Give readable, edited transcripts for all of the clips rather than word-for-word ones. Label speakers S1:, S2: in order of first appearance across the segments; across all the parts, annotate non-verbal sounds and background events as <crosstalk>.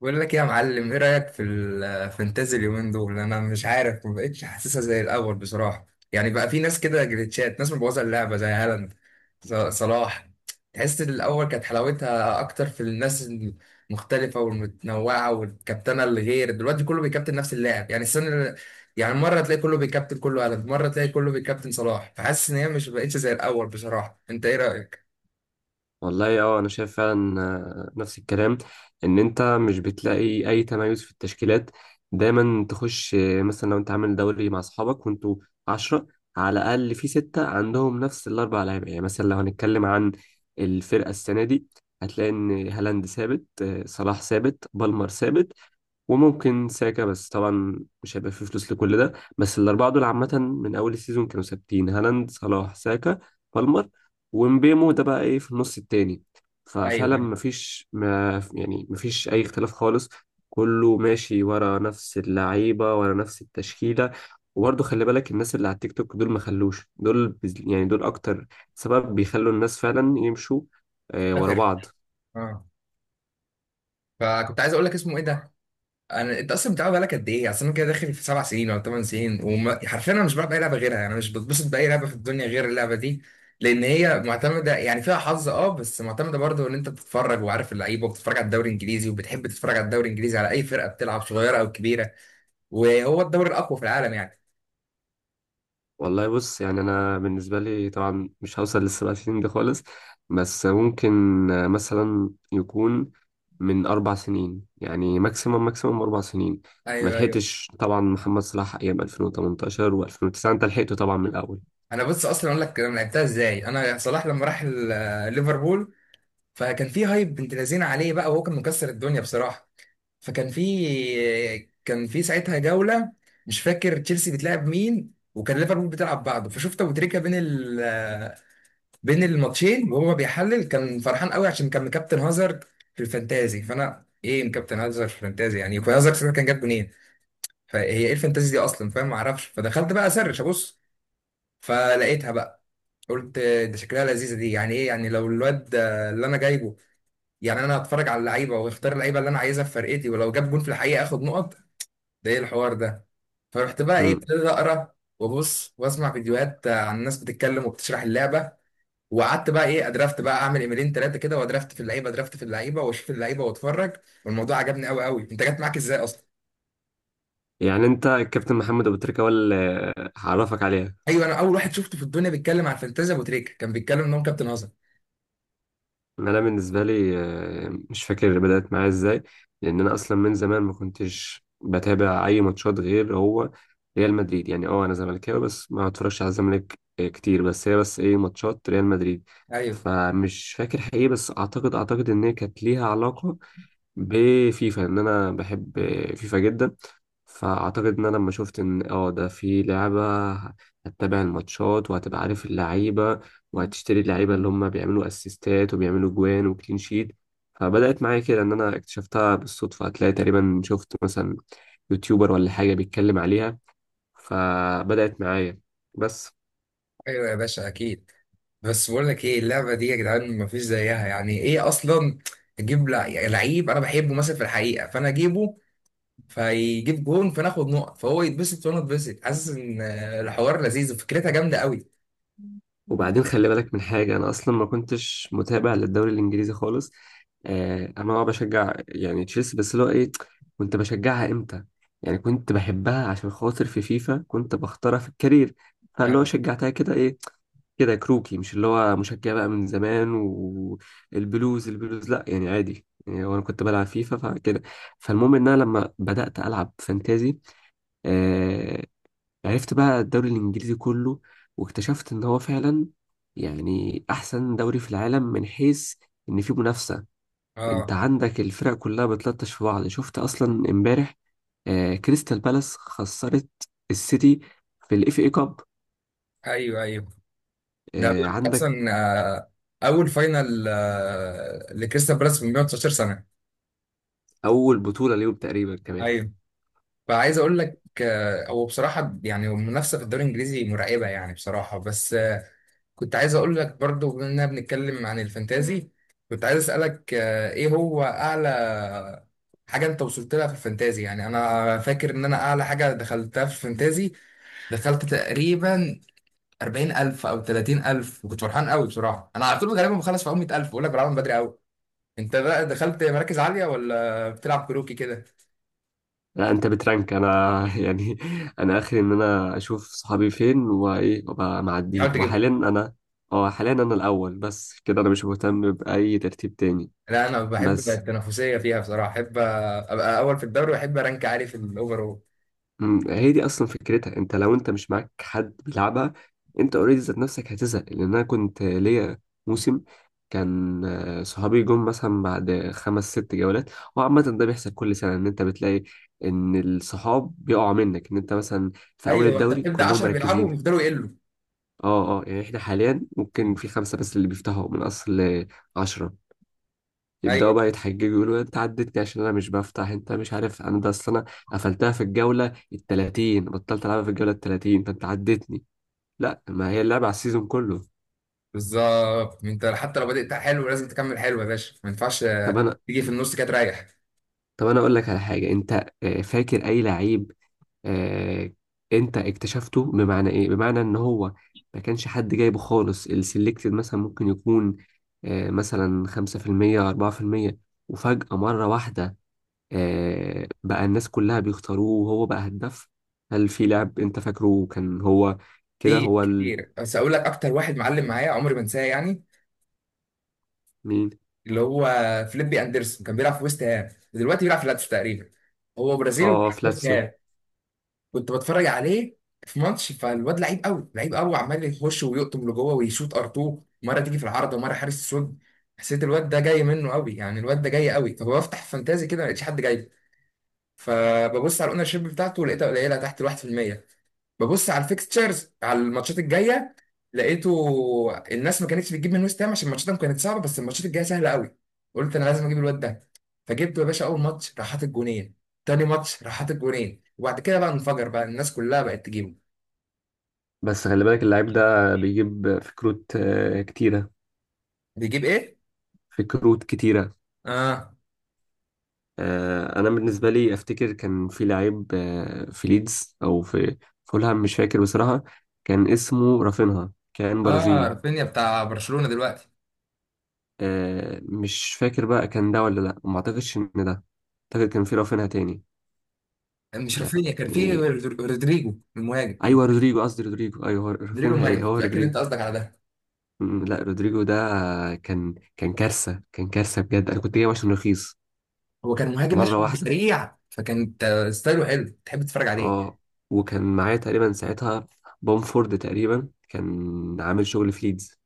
S1: بقول لك إيه يا معلم؟ ايه رأيك في الفانتازي اليومين دول؟ انا مش عارف، ما بقتش حاسسها زي الاول بصراحة. يعني بقى في ناس كده جليتشات، ناس مبوظة اللعبة زي هالاند، صلاح. تحس إن الاول كانت حلاوتها اكتر في الناس المختلفة والمتنوعة، والكابتنة اللي غير دلوقتي كله بيكابتن نفس اللاعب. يعني يعني مرة تلاقي كله بيكابتن، كله هالاند، مرة تلاقي كله بيكابتن صلاح. فحاسس ان هي مش بقتش زي الاول بصراحة. انت ايه رأيك؟
S2: والله اه انا شايف فعلا، نفس الكلام. ان انت مش بتلاقي اي تميز في التشكيلات، دايما تخش مثلا لو انت عامل دوري مع اصحابك وانتوا عشرة، على الاقل في ستة عندهم نفس الاربع لعيبة. يعني مثلا لو هنتكلم عن الفرقة السنة دي، هتلاقي ان هالاند ثابت، صلاح ثابت، بالمر ثابت، وممكن ساكا، بس طبعا مش هيبقى فيه فلوس لكل ده. بس الأربعة دول عامة من أول السيزون كانوا ثابتين: هالاند، صلاح، ساكا، بالمر. ومبيمو ده بقى إيه في النص التاني.
S1: ايوه،
S2: ففعلا
S1: ايوه.
S2: مفيش، ما يعني مفيش أي اختلاف خالص. كله ماشي ورا نفس اللعيبة، ورا نفس التشكيلة. وبرضه خلي بالك، الناس اللي على التيك توك دول ما خلوش، يعني دول أكتر سبب بيخلوا الناس فعلا يمشوا ورا
S1: فاكر.
S2: بعض.
S1: اه. فكنت عايز اقول لك اسمه ايه ده. انا انت اصلا بتلعب بقالك قد ايه؟ اصل انا كده داخل في سبع سنين ولا ثمان سنين، وحرفيا انا مش بلعب اي لعبه غيرها، يعني مش بتبسط باي لعبه في الدنيا غير اللعبه دي. لان هي معتمده، يعني فيها حظ اه، بس معتمده برضه ان انت بتتفرج وعارف اللعيبه، وبتتفرج على الدوري الانجليزي، وبتحب تتفرج على الدوري الانجليزي على اي فرقه بتلعب، صغيره او كبيره، وهو الدوري الاقوى في العالم يعني.
S2: والله بص، يعني انا بالنسبه لي طبعا مش هوصل للسبع سنين دي خالص. بس ممكن مثلا يكون من اربع سنين. يعني ماكسيموم ماكسيموم اربع سنين. ما
S1: ايوه، ايوه.
S2: لحقتش طبعا محمد صلاح ايام 2018 و2009، انت لحقته طبعا من الاول.
S1: انا بص اصلا اقول لك انا لعبتها ازاي. انا صلاح لما راح ليفربول، فكان في هايب بنت لذينه عليه بقى، وهو كان مكسر الدنيا بصراحه. فكان في كان في ساعتها جولة، مش فاكر تشيلسي بتلعب مين، وكان ليفربول بتلعب بعضه. فشفت ابو تريكة بين بين الماتشين وهو بيحلل، كان فرحان قوي عشان كان مكابتن هازارد في الفانتازي. فانا ايه مكابتن هازارد في الفانتازي؟ يعني يكون هازارد ساعتها كان جاب جونين. فهي ايه الفانتازي دي اصلا؟ فاهم؟ ما اعرفش. فدخلت بقى اسرش ابص، فلقيتها بقى. قلت ده شكلها لذيذه دي، يعني ايه، يعني لو الواد اللي انا جايبه، يعني انا هتفرج على اللعيبه واختار اللعيبه اللي انا عايزها في فرقتي، ولو جاب جون في الحقيقه اخد نقط، ده ايه الحوار ده. فرحت بقى ايه
S2: امم
S1: ابتديت اقرا وابص واسمع فيديوهات عن ناس بتتكلم وبتشرح اللعبه. وقعدت بقى ايه ادرافت، بقى اعمل ايميلين ثلاثه كده وادرافت في اللعيبه، ادرافت في اللعيبه، واشوف اللعيبه واتفرج. والموضوع عجبني قوي قوي. انت جت معاك ازاي اصلا؟
S2: يعني انت الكابتن محمد ابو تريكه، ولا هعرفك عليها؟
S1: ايوه، انا اول واحد شفته في الدنيا بيتكلم عن فانتازيا ابو تريكه، كان بيتكلم ان هو كابتن هزم.
S2: إن انا بالنسبه لي مش فاكر بدات معايا ازاي، لان انا اصلا من زمان ما كنتش بتابع اي ماتشات غير هو ريال مدريد. يعني اه انا زملكاوي بس ما بتفرجش على الزمالك كتير، بس هي بس ايه ماتشات ريال مدريد.
S1: ايوه،
S2: فمش فاكر حقيقي، بس اعتقد ان هي كانت ليها علاقه بفيفا، ان انا بحب فيفا جدا. فاعتقد ان انا لما شفت ان اه ده في لعبه، هتتابع الماتشات وهتبقى عارف اللعيبه وهتشتري اللعيبه اللي هم بيعملوا اسيستات وبيعملوا جوان وكلين شيت. فبدات معايا كده، ان انا اكتشفتها بالصدفه. هتلاقي تقريبا شفت مثلا يوتيوبر ولا حاجه بيتكلم عليها، فبدات معايا بس.
S1: ايوه يا باشا اكيد. بس بقول لك ايه، اللعبه دي يا جدعان مفيش زيها، يعني ايه اصلا تجيب يعني لعيب انا بحبه مثلا في الحقيقه فانا اجيبه، فيجيب جون فناخد نقط، فهو يتبسط وانا اتبسط. حاسس ان الحوار لذيذ وفكرتها جامده قوي.
S2: وبعدين خلي بالك من حاجة، أنا أصلا ما كنتش متابع للدوري الإنجليزي خالص. آه أنا أه بشجع يعني تشيلسي، بس اللي هو إيه، كنت بشجعها إمتى؟ يعني كنت بحبها عشان خاطر في فيفا كنت بختارها في الكارير. فاللي هو
S1: ايوه.
S2: شجعتها كده إيه، كده كروكي، مش اللي هو مشجع بقى من زمان. والبلوز البلوز لأ يعني عادي، يعني وأنا كنت بلعب فيفا فكده. فالمهم إن أنا لما بدأت ألعب فانتازي آه، عرفت بقى الدوري الإنجليزي كله، واكتشفت إن هو فعلا يعني أحسن دوري في العالم من حيث إن فيه منافسة. أنت
S1: اه.
S2: عندك الفرق كلها بتلطش في بعض. شفت أصلا إمبارح آه كريستال بالاس خسرت السيتي في الإف إي كاب.
S1: ايوه، ايوه. ده
S2: آه
S1: بيقول لك
S2: عندك
S1: اصلا اول فاينل لكريستال بالاس من 119 سنه.
S2: أول بطولة ليهم تقريبا كمان.
S1: ايوه. فعايز اقول لك هو بصراحه يعني المنافسه في الدوري الانجليزي مرعبه يعني بصراحه. بس كنت عايز اقول لك برضو، بما اننا بنتكلم عن الفانتازي، كنت عايز اسالك ايه هو اعلى حاجه انت وصلت لها في الفانتازي؟ يعني انا فاكر ان انا اعلى حاجه دخلتها في الفانتازي دخلت تقريبا 40,000 او 30,000، وكنت فرحان قوي بصراحه. انا على طول غالبا بخلص في اول 100,000 بقول لك، بعمل بدري قوي. انت بقى دخلت مراكز عاليه ولا بتلعب كروكي كده؟
S2: لا أنت بترانك، أنا <laughs> يعني أنا آخر إن أنا أشوف صحابي فين وإيه وأبقى معديهم.
S1: حاول تجيب.
S2: وحاليا أنا، أه حاليا أنا الأول، بس كده أنا مش مهتم بأي ترتيب تاني
S1: لا، انا بحب بقى
S2: بس.
S1: التنافسيه فيها بصراحه، احب ابقى اول في الدوري واحب رانك عالي في الاوفرول.
S2: هي دي اصلا فكرتها، انت لو انت مش معاك حد بيلعبها، انت اوريدي ذات نفسك هتزهق. لان انا كنت ليا موسم كان صحابي جم مثلا بعد خمس ست جولات. وعامة ده بيحصل كل سنة، ان انت بتلاقي ان الصحاب بيقعوا منك، ان انت مثلا في اول
S1: ايوه، انت
S2: الدوري
S1: بتبدا
S2: كلهم
S1: 10 بيلعبوا
S2: مركزين.
S1: ويفضلوا يقلوا.
S2: اه اه يعني احنا حاليا ممكن في خمسة بس اللي بيفتحوا من اصل عشرة. يبداوا
S1: ايوه،
S2: بقى يتحججوا يقولوا انت عدتني عشان انا مش بفتح، انت مش عارف انا ده، اصل انا قفلتها في الجوله ال 30، بطلت العبها في الجوله ال 30 فانت عدتني. لا، ما هي اللعبه على السيزون كله.
S1: بالظبط. انت حتى لو بدأت حلو لازم تكمل حلو يا باشا، ما ينفعش
S2: طب انا
S1: تيجي في النص كده تريح.
S2: طب انا اقول لك على حاجه. انت فاكر اي لعيب آه، انت اكتشفته؟ بمعنى ايه؟ بمعنى ان هو ما كانش حد جايبه خالص. السلكتد مثلا ممكن يكون مثلا 5% 4%، وفجأة مرة واحدة بقى الناس كلها بيختاروه وهو بقى هداف. هل في لاعب انت فاكره كان هو كده،
S1: كتير
S2: هو ال...؟
S1: كتير. بس اقول لك اكتر واحد معلم معايا عمري ما انساه يعني،
S2: مين؟
S1: اللي هو فليبي اندرسون. كان بيلعب في ويست هام، دلوقتي بيلعب في لاتس تقريبا. هو برازيلي
S2: اه
S1: وبيلعب في ويست
S2: فلاتسيو.
S1: هام. كنت بتفرج عليه في ماتش، فالواد لعيب قوي، لعيب قوي، عمال يخش ويقطم لجوه ويشوط ار2، مره تيجي في العارضه ومره حارس السود. حسيت الواد ده جاي منه قوي، يعني الواد ده جاي قوي. فبفتح فانتازي كده، ما لقيتش حد جاي. فببص على الاونر شيب بتاعته، لقيتها قليله تحت ال 1%. ببص على الفيكستشرز، على الماتشات الجايه، لقيته الناس ما كانتش بتجيب من ويست هام عشان ماتشاتهم كانت صعبه، بس الماتشات الجايه سهله قوي. قلت انا لازم اجيب الواد ده، فجبته يا باشا. اول ماتش راح حاطط جونين، تاني ماتش راح حاطط جونين، وبعد كده بقى انفجر بقى، الناس كلها بقت تجيبه.
S2: بس خلي بالك اللاعب ده بيجيب كروت كتيرة.
S1: بيجيب ايه؟
S2: كروت كتيرة.
S1: اه.
S2: انا بالنسبة لي افتكر كان في لعيب في ليدز او في فولهام، مش فاكر بصراحة. كان اسمه رافينها، كان
S1: اه،
S2: برازيلي.
S1: رافينيا بتاع برشلونه دلوقتي.
S2: مش فاكر بقى كان ده ولا لا. ما اعتقدش ان ده، اعتقد كان في رافينها تاني
S1: مش رافينيا، كان في
S2: يعني.
S1: رودريجو المهاجم.
S2: ايوه رودريجو، قصدي رودريجو، ايوه هو
S1: رودريجو
S2: رافينها
S1: المهاجم،
S2: ايه، هو
S1: متاكد انت
S2: رودريجو.
S1: قصدك على ده؟
S2: لا رودريجو ده كان كارثه بجد. انا كنت جايبه عشان رخيص،
S1: هو كان مهاجم
S2: مره
S1: ماشي
S2: واحده.
S1: سريع، فكانت ستايله حلو تحب تتفرج عليه.
S2: اه وكان معايا تقريبا ساعتها بومفورد تقريبا، كان عامل شغل في ليدز.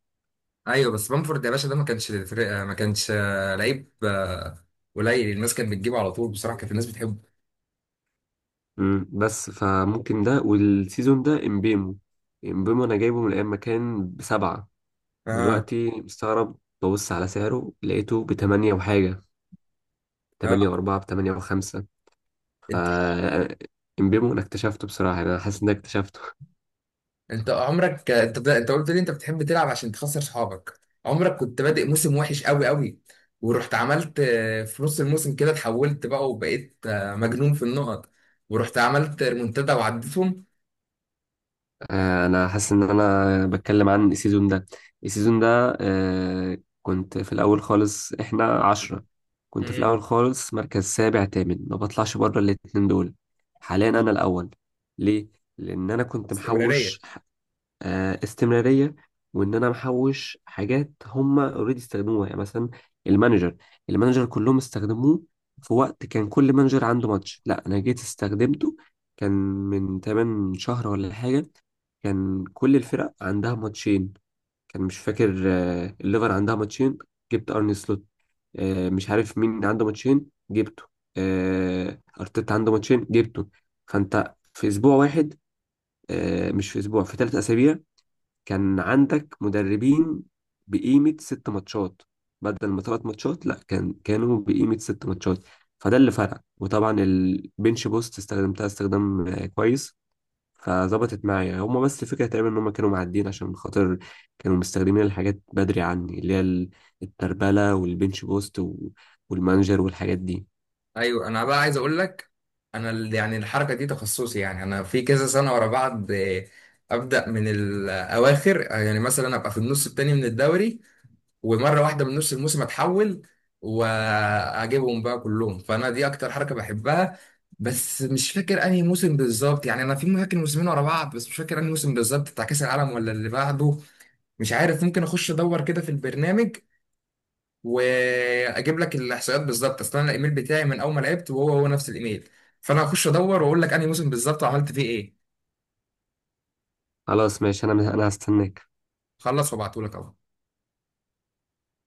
S1: ايوه، بس بامفورد يا باشا ده ما كانش لعيب قليل. الناس كانت بتجيبه على طول بصراحه، كانت الناس بتحبه.
S2: بس فممكن ده، والسيزون ده امبيمو. امبيمو انا جايبه من ايام ما كان بسبعه.
S1: اه.
S2: دلوقتي مستغرب، ببص على سعره لقيته بتمانية وحاجه، تمانية
S1: اه.
S2: وأربعة، بتمانية وخمسة. ف
S1: انت،
S2: امبيمو انا اكتشفته بصراحة، يعني انا حاسس ان أنا اكتشفته.
S1: انت قلت لي انت بتحب تلعب عشان تخسر صحابك. عمرك كنت بادئ موسم وحش قوي قوي، ورحت عملت في نص الموسم كده اتحولت بقى، وبقيت مجنون في النقط، ورحت عملت ريمونتادا وعديتهم.
S2: انا حاسس ان انا بتكلم عن السيزون ده. السيزون ده. كنت في الاول خالص احنا عشرة، كنت في
S1: مم.
S2: الاول خالص مركز سابع تامن، ما بطلعش بره الاتنين دول. حاليا انا الاول. ليه؟ لان انا كنت
S1: استمراريه.
S2: محوش استمراريه. وان انا محوش حاجات هم اوريدي استخدموها، يعني مثلا المانجر. المانجر كلهم استخدموه في وقت كان كل مانجر عنده ماتش، لا انا جيت استخدمته، كان من 8 شهر ولا حاجه، كان كل الفرق عندها ماتشين. كان مش فاكر الليفر عندها ماتشين، جبت ارني سلوت. مش عارف مين عنده ماتشين جبته، ارتيتا عنده ماتشين جبته. فانت في اسبوع واحد، مش في اسبوع، في ثلاث اسابيع كان عندك مدربين بقيمة ست ماتشات بدل ما تلات ماتشات. لا كان، كانوا بقيمة ست ماتشات. فده اللي فرق. وطبعا البنش بوست استخدمتها استخدام كويس. فظبطت معايا هما. بس فكرة تقريبا ان هما كانوا معدين عشان خاطر كانوا مستخدمين الحاجات بدري عني، التربلة والبنش بوست والمانجر والحاجات دي.
S1: ايوه، انا بقى عايز اقول لك، انا يعني الحركه دي تخصصي، يعني انا في كذا سنه ورا بعض ابدا من الاواخر، يعني مثلا ابقى في النص التاني من الدوري، ومره واحده من نص الموسم اتحول واجيبهم بقى كلهم. فانا دي اكتر حركه بحبها. بس مش فاكر انهي موسم بالظبط، يعني انا في فاكر موسمين ورا بعض بس مش فاكر انهي موسم بالظبط، بتاع كاس العالم ولا اللي بعده. مش عارف. ممكن اخش ادور كده في البرنامج واجيب لك الاحصائيات بالظبط، اصل انا الايميل بتاعي من اول ما لعبت وهو هو نفس الايميل. فانا هخش ادور واقول لك انهي موسم بالظبط وعملت فيه ايه.
S2: خلاص ماشي، انا هستناك.
S1: خلص، وابعته لك اهو.